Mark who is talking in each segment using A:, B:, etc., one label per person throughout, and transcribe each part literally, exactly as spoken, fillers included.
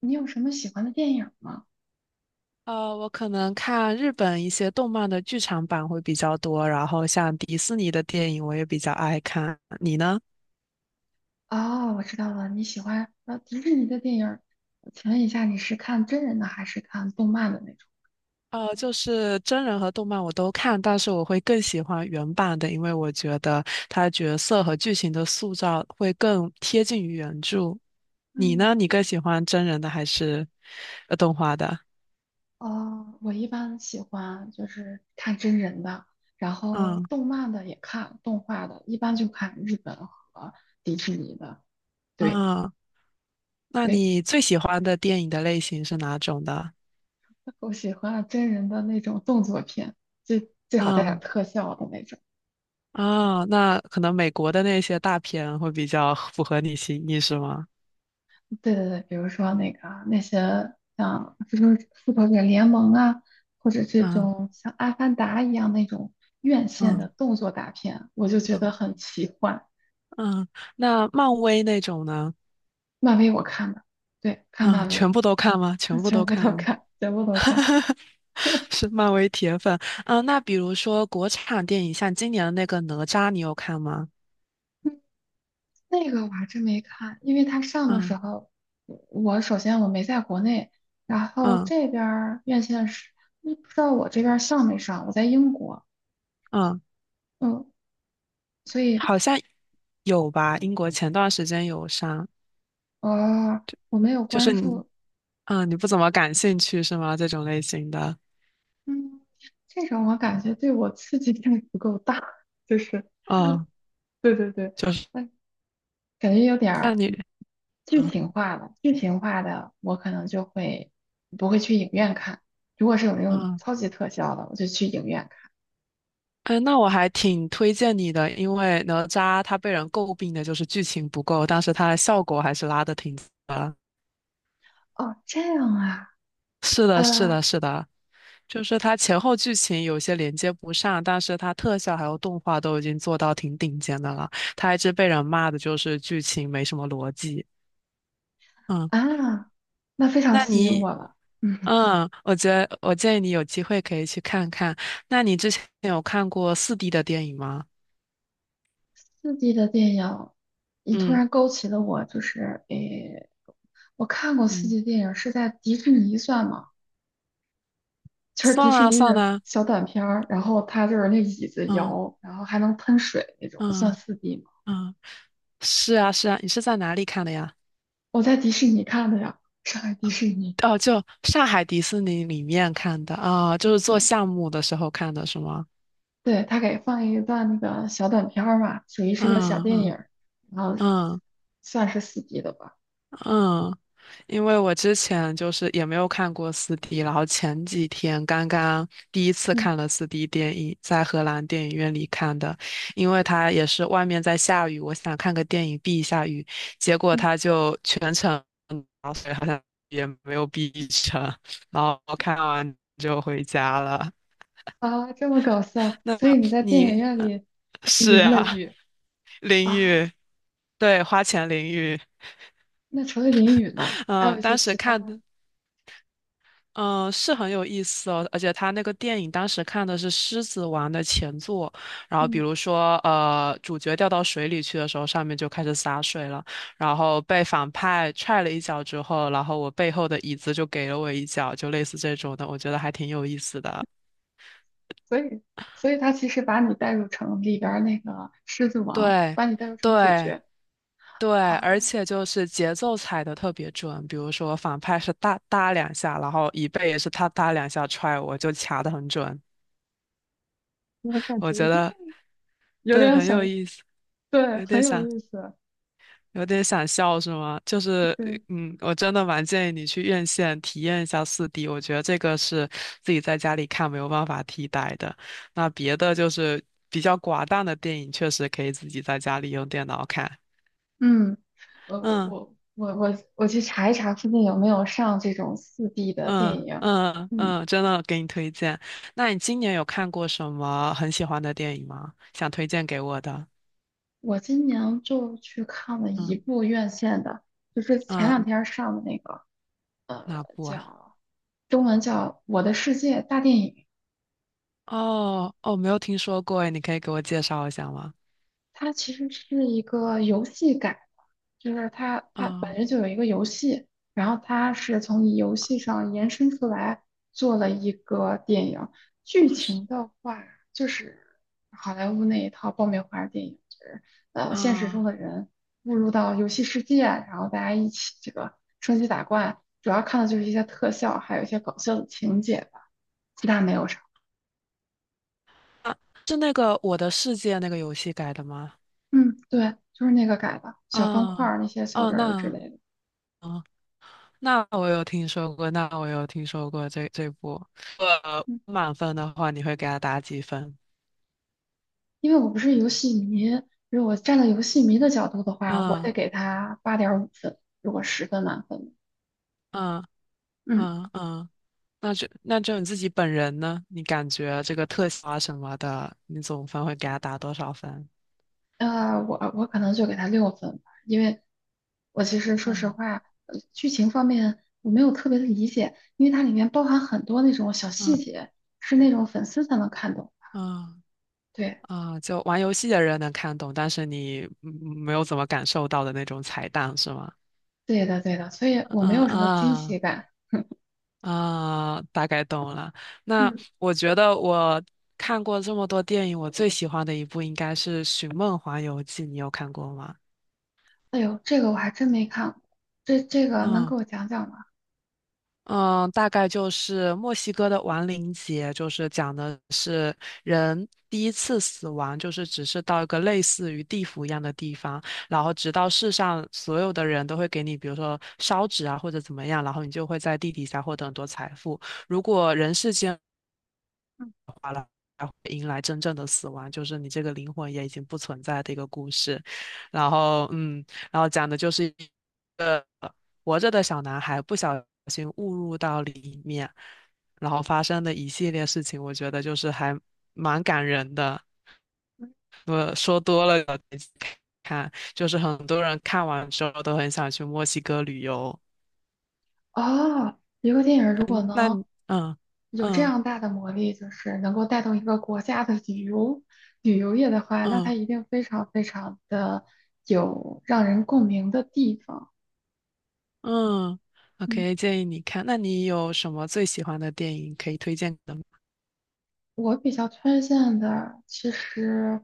A: 你有什么喜欢的电影吗？
B: 呃，我可能看日本一些动漫的剧场版会比较多，然后像迪士尼的电影我也比较爱看。你呢？
A: 哦，我知道了，你喜欢呃迪士尼的电影。请问一下，你是看真人的还是看动漫的那种？
B: 呃，就是真人和动漫我都看，但是我会更喜欢原版的，因为我觉得它角色和剧情的塑造会更贴近于原著。你呢？
A: 嗯，
B: 你更喜欢真人的还是呃动画的？
A: 哦，我一般喜欢就是看真人的，然后
B: 嗯
A: 动漫的也看，动画的一般就看日本和迪士尼的。对
B: 嗯，那
A: 对，
B: 你最喜欢的电影的类型是哪种的？
A: 我喜欢真人的那种动作片，最最好带点
B: 嗯。
A: 特效的那种。
B: 啊，那可能美国的那些大片会比较符合你心意，是吗？
A: 对对对，比如说那个啊那些像复仇复仇者联盟啊，或者这
B: 嗯
A: 种像阿凡达一样那种院线的
B: 嗯
A: 动作大片，我就觉
B: 嗯
A: 得很奇幻。
B: 嗯，那漫威那种呢？
A: 漫威我看的，对，看
B: 啊，
A: 漫威
B: 全
A: 的，
B: 部都看吗？全部
A: 全
B: 都
A: 部都
B: 看吗？
A: 看，全部都看。
B: 是漫威铁粉。嗯，那比如说国产电影，像今年的那个哪吒，你有看吗？
A: 嗯那个我还真没看，因为它上的时
B: 嗯
A: 候，我我首先我没在国内，然后
B: 嗯
A: 这边儿院线是嗯不知道我这边儿上没上，我在英国，
B: 嗯，
A: 嗯，所以
B: 好像有吧？英国前段时间有上，
A: 呃我没有
B: 就是
A: 关
B: 你，
A: 注。
B: 嗯，你不怎么感兴趣是吗？这种类型的，
A: 嗯，这种我感觉对我刺激性不够大，就是，
B: 哦，
A: 对对对，
B: 就是
A: 那感觉有点
B: 那
A: 儿
B: 你，
A: 嗯剧
B: 嗯
A: 情化了。剧情化的我可能就会不会去影院看，如果是有那种
B: 啊
A: 超级特效的，我就去影院看。
B: 嗯，那我还挺推荐你的，因为哪吒他被人诟病的就是剧情不够，但是他的效果还是拉的挺。
A: 哦，这样啊，
B: 是的，是的，
A: 呃
B: 是的，就是它前后剧情有些连接不上，但是它特效还有动画都已经做到挺顶尖的了。它一直被人骂的就是剧情没什么逻辑。嗯，
A: 啊，那非常
B: 那
A: 吸引
B: 你，
A: 我了。嗯，
B: 嗯，我觉得我建议你有机会可以去看看。那你之前有看过四 d 的电影吗？
A: 刺激的电影，你突
B: 嗯
A: 然勾起了我，就是诶，我看过刺
B: 嗯，
A: 激电影是在迪士尼算吗？就是迪
B: 算
A: 士
B: 啊
A: 尼
B: 算
A: 的
B: 啊，
A: 小短片儿，然后它就是那椅子
B: 嗯
A: 摇，然后还能喷水那种，算
B: 嗯
A: 四 d 吗？
B: 嗯。是啊，是啊，你是在哪里看的呀？
A: 我在迪士尼看的呀，上海迪士尼。
B: 哦，就上海迪士尼里面看的啊，就是做
A: 对
B: 项目的时候看的，是吗？
A: 对，他给放一段那个小短片儿嘛，属于是个小电影
B: 嗯
A: 儿，然后
B: 嗯嗯
A: 算是四 d 的吧。
B: 嗯，因为我之前就是也没有看过四 d 然后前几天刚刚第一次
A: 嗯
B: 看了四 d 电影，在荷兰电影院里看的，因为它也是外面在下雨，我想看个电影避一下雨，结果
A: 嗯
B: 它就全程好水，然后所以好像也没有避成，然后看完就回家了。
A: 啊，这么搞笑，
B: 那
A: 所以你在电影
B: 你
A: 院
B: 呃
A: 里
B: 是
A: 淋了
B: 啊，
A: 雨
B: 淋
A: 啊？
B: 浴，对，花钱淋浴，
A: 那除了淋雨呢，还有
B: 嗯、
A: 一些
B: 当时
A: 其他
B: 看
A: 的？
B: 的，嗯、是很有意思哦，而且他那个电影当时看的是《狮子王》的前作，然后比
A: 嗯。
B: 如说，呃，主角掉到水里去的时候，上面就开始洒水了，然后被反派踹了一脚之后，然后我背后的椅子就给了我一脚，就类似这种的，我觉得还挺有意思的，
A: 所以，所以他其实把你带入成里边儿那个狮子王，
B: 对，
A: 把你带入成主
B: 对。
A: 角
B: 对，
A: 啊
B: 而且就是节奏踩的特别准，比如说反派是哒哒两下，然后椅背也是他哒两下踹我，就卡的很准。
A: 我感
B: 我
A: 觉
B: 觉得
A: 有
B: 对，
A: 点
B: 很有
A: 想，
B: 意思，
A: 对，
B: 有点
A: 很有
B: 想
A: 意思，
B: 有点想笑是吗？就是
A: 对，
B: 嗯，我真的蛮建议你去院线体验一下四 d 我觉得这个是自己在家里看没有办法替代的。那别的就是比较寡淡的电影，确实可以自己在家里用电脑看。
A: 嗯，我
B: 嗯。
A: 我我我我去查一查附近有没有上这种四 d 的电
B: 嗯
A: 影，
B: 嗯
A: 嗯，
B: 嗯，真的给你推荐。那你今年有看过什么很喜欢的电影吗？想推荐给我的？
A: 我今年就去看了一
B: 嗯
A: 部院线的，就是前两
B: 嗯，
A: 天上的那个，呃，
B: 哪部啊？
A: 叫中文叫《我的世界大电影》，
B: 哦哦，没有听说过诶，你可以给我介绍一下吗？
A: 它其实是一个游戏改的，就是它它本
B: 啊、
A: 身就有一个游戏，然后它是从游戏上延伸出来做了一个电影。剧
B: 是
A: 情的话，就是好莱坞那一套爆米花电影，就是呃现实中
B: 啊
A: 的人误入到游戏世界，然后大家一起这个升级打怪，主要看的就是一些特效，还有一些搞笑的情节吧，其他没有啥。
B: 啊，是那个《我的世界》那个游戏改的吗？
A: 嗯，对，就是那个改的，小方块
B: 啊
A: 儿那些小
B: 哦，
A: 人儿之
B: 那
A: 类的。
B: 哦，那我有听说过，那我有听说过这这部。呃，
A: 嗯
B: 满分的话，你会给他打几分？
A: 因为我不是游戏迷，如果站在游戏迷的角度的话，我得
B: 嗯
A: 给他八点五分。如果十分满分，
B: 嗯
A: 嗯，
B: 嗯嗯。那就那就你自己本人呢？你感觉这个特效啊什么的，你总分会给他打多少分？
A: 呃，我我可能就给他六分吧，因为我其实说实
B: 嗯
A: 话，呃剧情方面我没有特别的理解，因为它里面包含很多那种小细
B: 嗯
A: 节，是那种粉丝才能看懂。
B: 嗯
A: 对，
B: 啊，就玩游戏的人能看懂，但是你嗯没有怎么感受到的那种彩蛋是吗？
A: 对的，对的，所以我没
B: 嗯
A: 有什么惊
B: 啊
A: 喜感。
B: 啊，大概懂了。那
A: 嗯，
B: 我觉得我看过这么多电影，我最喜欢的一部应该是《寻梦环游记》，你有看过吗？
A: 哎呦，这个我还真没看过，这这个能
B: 嗯
A: 给我讲讲吗？
B: 嗯，大概就是墨西哥的亡灵节，就是讲的是人第一次死亡，就是只是到一个类似于地府一样的地方，然后直到世上所有的人都会给你，比如说烧纸啊或者怎么样，然后你就会在地底下获得很多财富。如果人世间才会迎来真正的死亡，就是你这个灵魂也已经不存在的一个故事。然后，嗯，然后讲的就是一个活着的小男孩不小心误入到里面，然后发生的一系列事情，我觉得就是还蛮感人的。我说多了，看，就是很多人看完之后都很想去墨西哥旅游。
A: 哦，一个电影如果
B: 那
A: 能，
B: 你嗯
A: 有这
B: 嗯
A: 样大的魔力，就是能够带动一个国家的旅游旅游业的话，那
B: 嗯。
A: 它一定非常非常的有让人共鸣的地方。
B: 嗯
A: 嗯。
B: ，OK，建议你看。那你有什么最喜欢的电影可以推荐的吗？
A: 我比较推荐的，其实，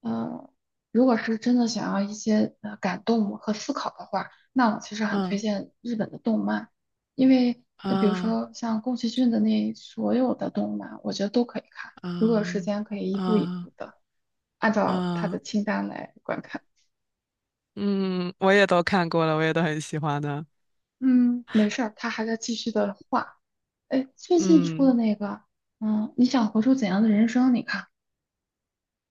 A: 呃，如果是真的想要一些呃感动和思考的话，那我其实很推
B: 嗯
A: 荐日本的动漫，因为呃比如
B: 啊
A: 说像宫崎骏的那所有的动漫，我觉得都可以看，如果有时
B: 啊
A: 间可以一步一
B: 啊
A: 步的按照他的
B: 啊！
A: 清单来观看。
B: 嗯，我也都看过了，我也都很喜欢的。
A: 嗯，没事儿，他还在继续的画。哎，最近出的
B: 嗯，
A: 那个，嗯，你想活出怎样的人生？你看，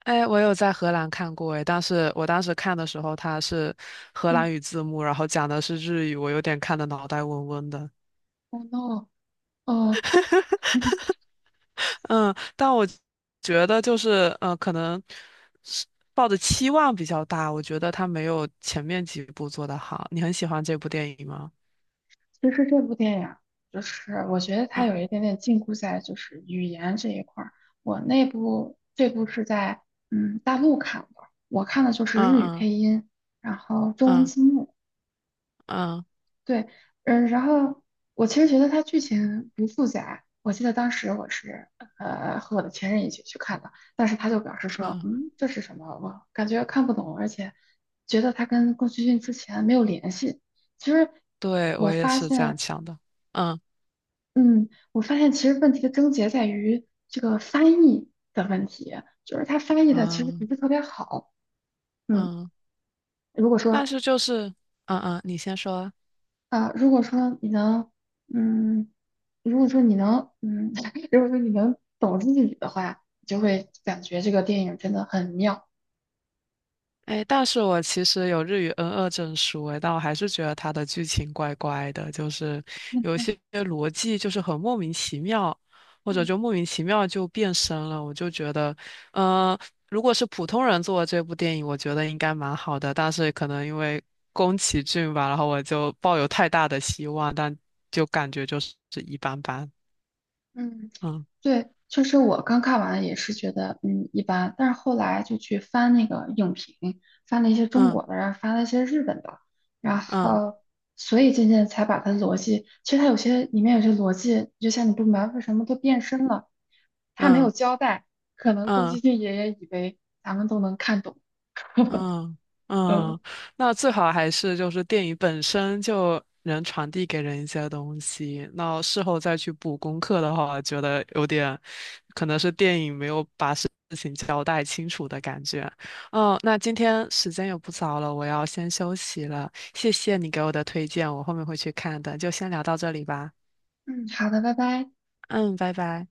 B: 哎，我有在荷兰看过哎，但是我当时看的时候，它是荷
A: 嗯
B: 兰语字幕，然后讲的是日语，我有点看的脑袋嗡嗡的。
A: ，Oh no。哦。
B: 嗯，但我觉得就是呃，可能是抱的期望比较大，我觉得他没有前面几部做得好。你很喜欢这部电影吗？
A: 其实这部电影就是我觉得它
B: 嗯
A: 有一点点禁锢在就是语言这一块儿。我那部这部是在嗯大陆看的，我看的就是
B: 嗯
A: 日语
B: 嗯
A: 配音，然后中文
B: 嗯
A: 字幕。
B: 嗯
A: 对，嗯，然后我其实觉得它剧情不复杂。我记得当时我是呃和我的前任一起去看的，但是他就表示说，
B: 嗯，
A: 嗯，这是什么？我感觉看不懂，而且觉得它跟宫崎骏之前没有联系。其实
B: 对，我
A: 我
B: 也
A: 发
B: 是这样
A: 现。
B: 想的。嗯
A: 嗯，我发现其实问题的症结在于这个翻译的问题，就是它翻译的其实不
B: 嗯
A: 是特别好。嗯，
B: 嗯，
A: 如果
B: 但
A: 说
B: 是就是嗯嗯，你先说。
A: 啊、呃如果说你能，嗯，如果说你能，嗯，如果说你能懂日语的话，你就会感觉这个电影真的很妙。
B: 哎，但是我其实有日语 n 二证书，哎，但我还是觉得它的剧情怪怪的，就是有一些逻辑就是很莫名其妙，或者
A: 嗯
B: 就莫名其妙就变身了。我就觉得，呃，如果是普通人做的这部电影，我觉得应该蛮好的，但是可能因为宫崎骏吧，然后我就抱有太大的希望，但就感觉就是一般般。
A: 嗯。
B: 嗯
A: 对，就是我刚看完也是觉得嗯一般，但是后来就去翻那个影评，翻了一些中
B: 嗯
A: 国的，然后翻了一些日本的，然
B: 嗯
A: 后所以渐渐才把它逻辑，其实它有些里面有些逻辑，就像你不明白为什么都变身了，它没
B: 嗯
A: 有
B: 嗯
A: 交代，可能宫崎
B: 嗯
A: 骏爷爷以为咱们都能看懂。
B: 嗯
A: 嗯
B: 嗯，那最好还是就是电影本身就能传递给人一些东西。那事后再去补功课的话，觉得有点可能是电影没有把事情交代清楚的感觉。嗯，那今天时间也不早了，我要先休息了。谢谢你给我的推荐，我后面会去看的。就先聊到这里吧。
A: 嗯，好的，拜拜。
B: 嗯，拜拜。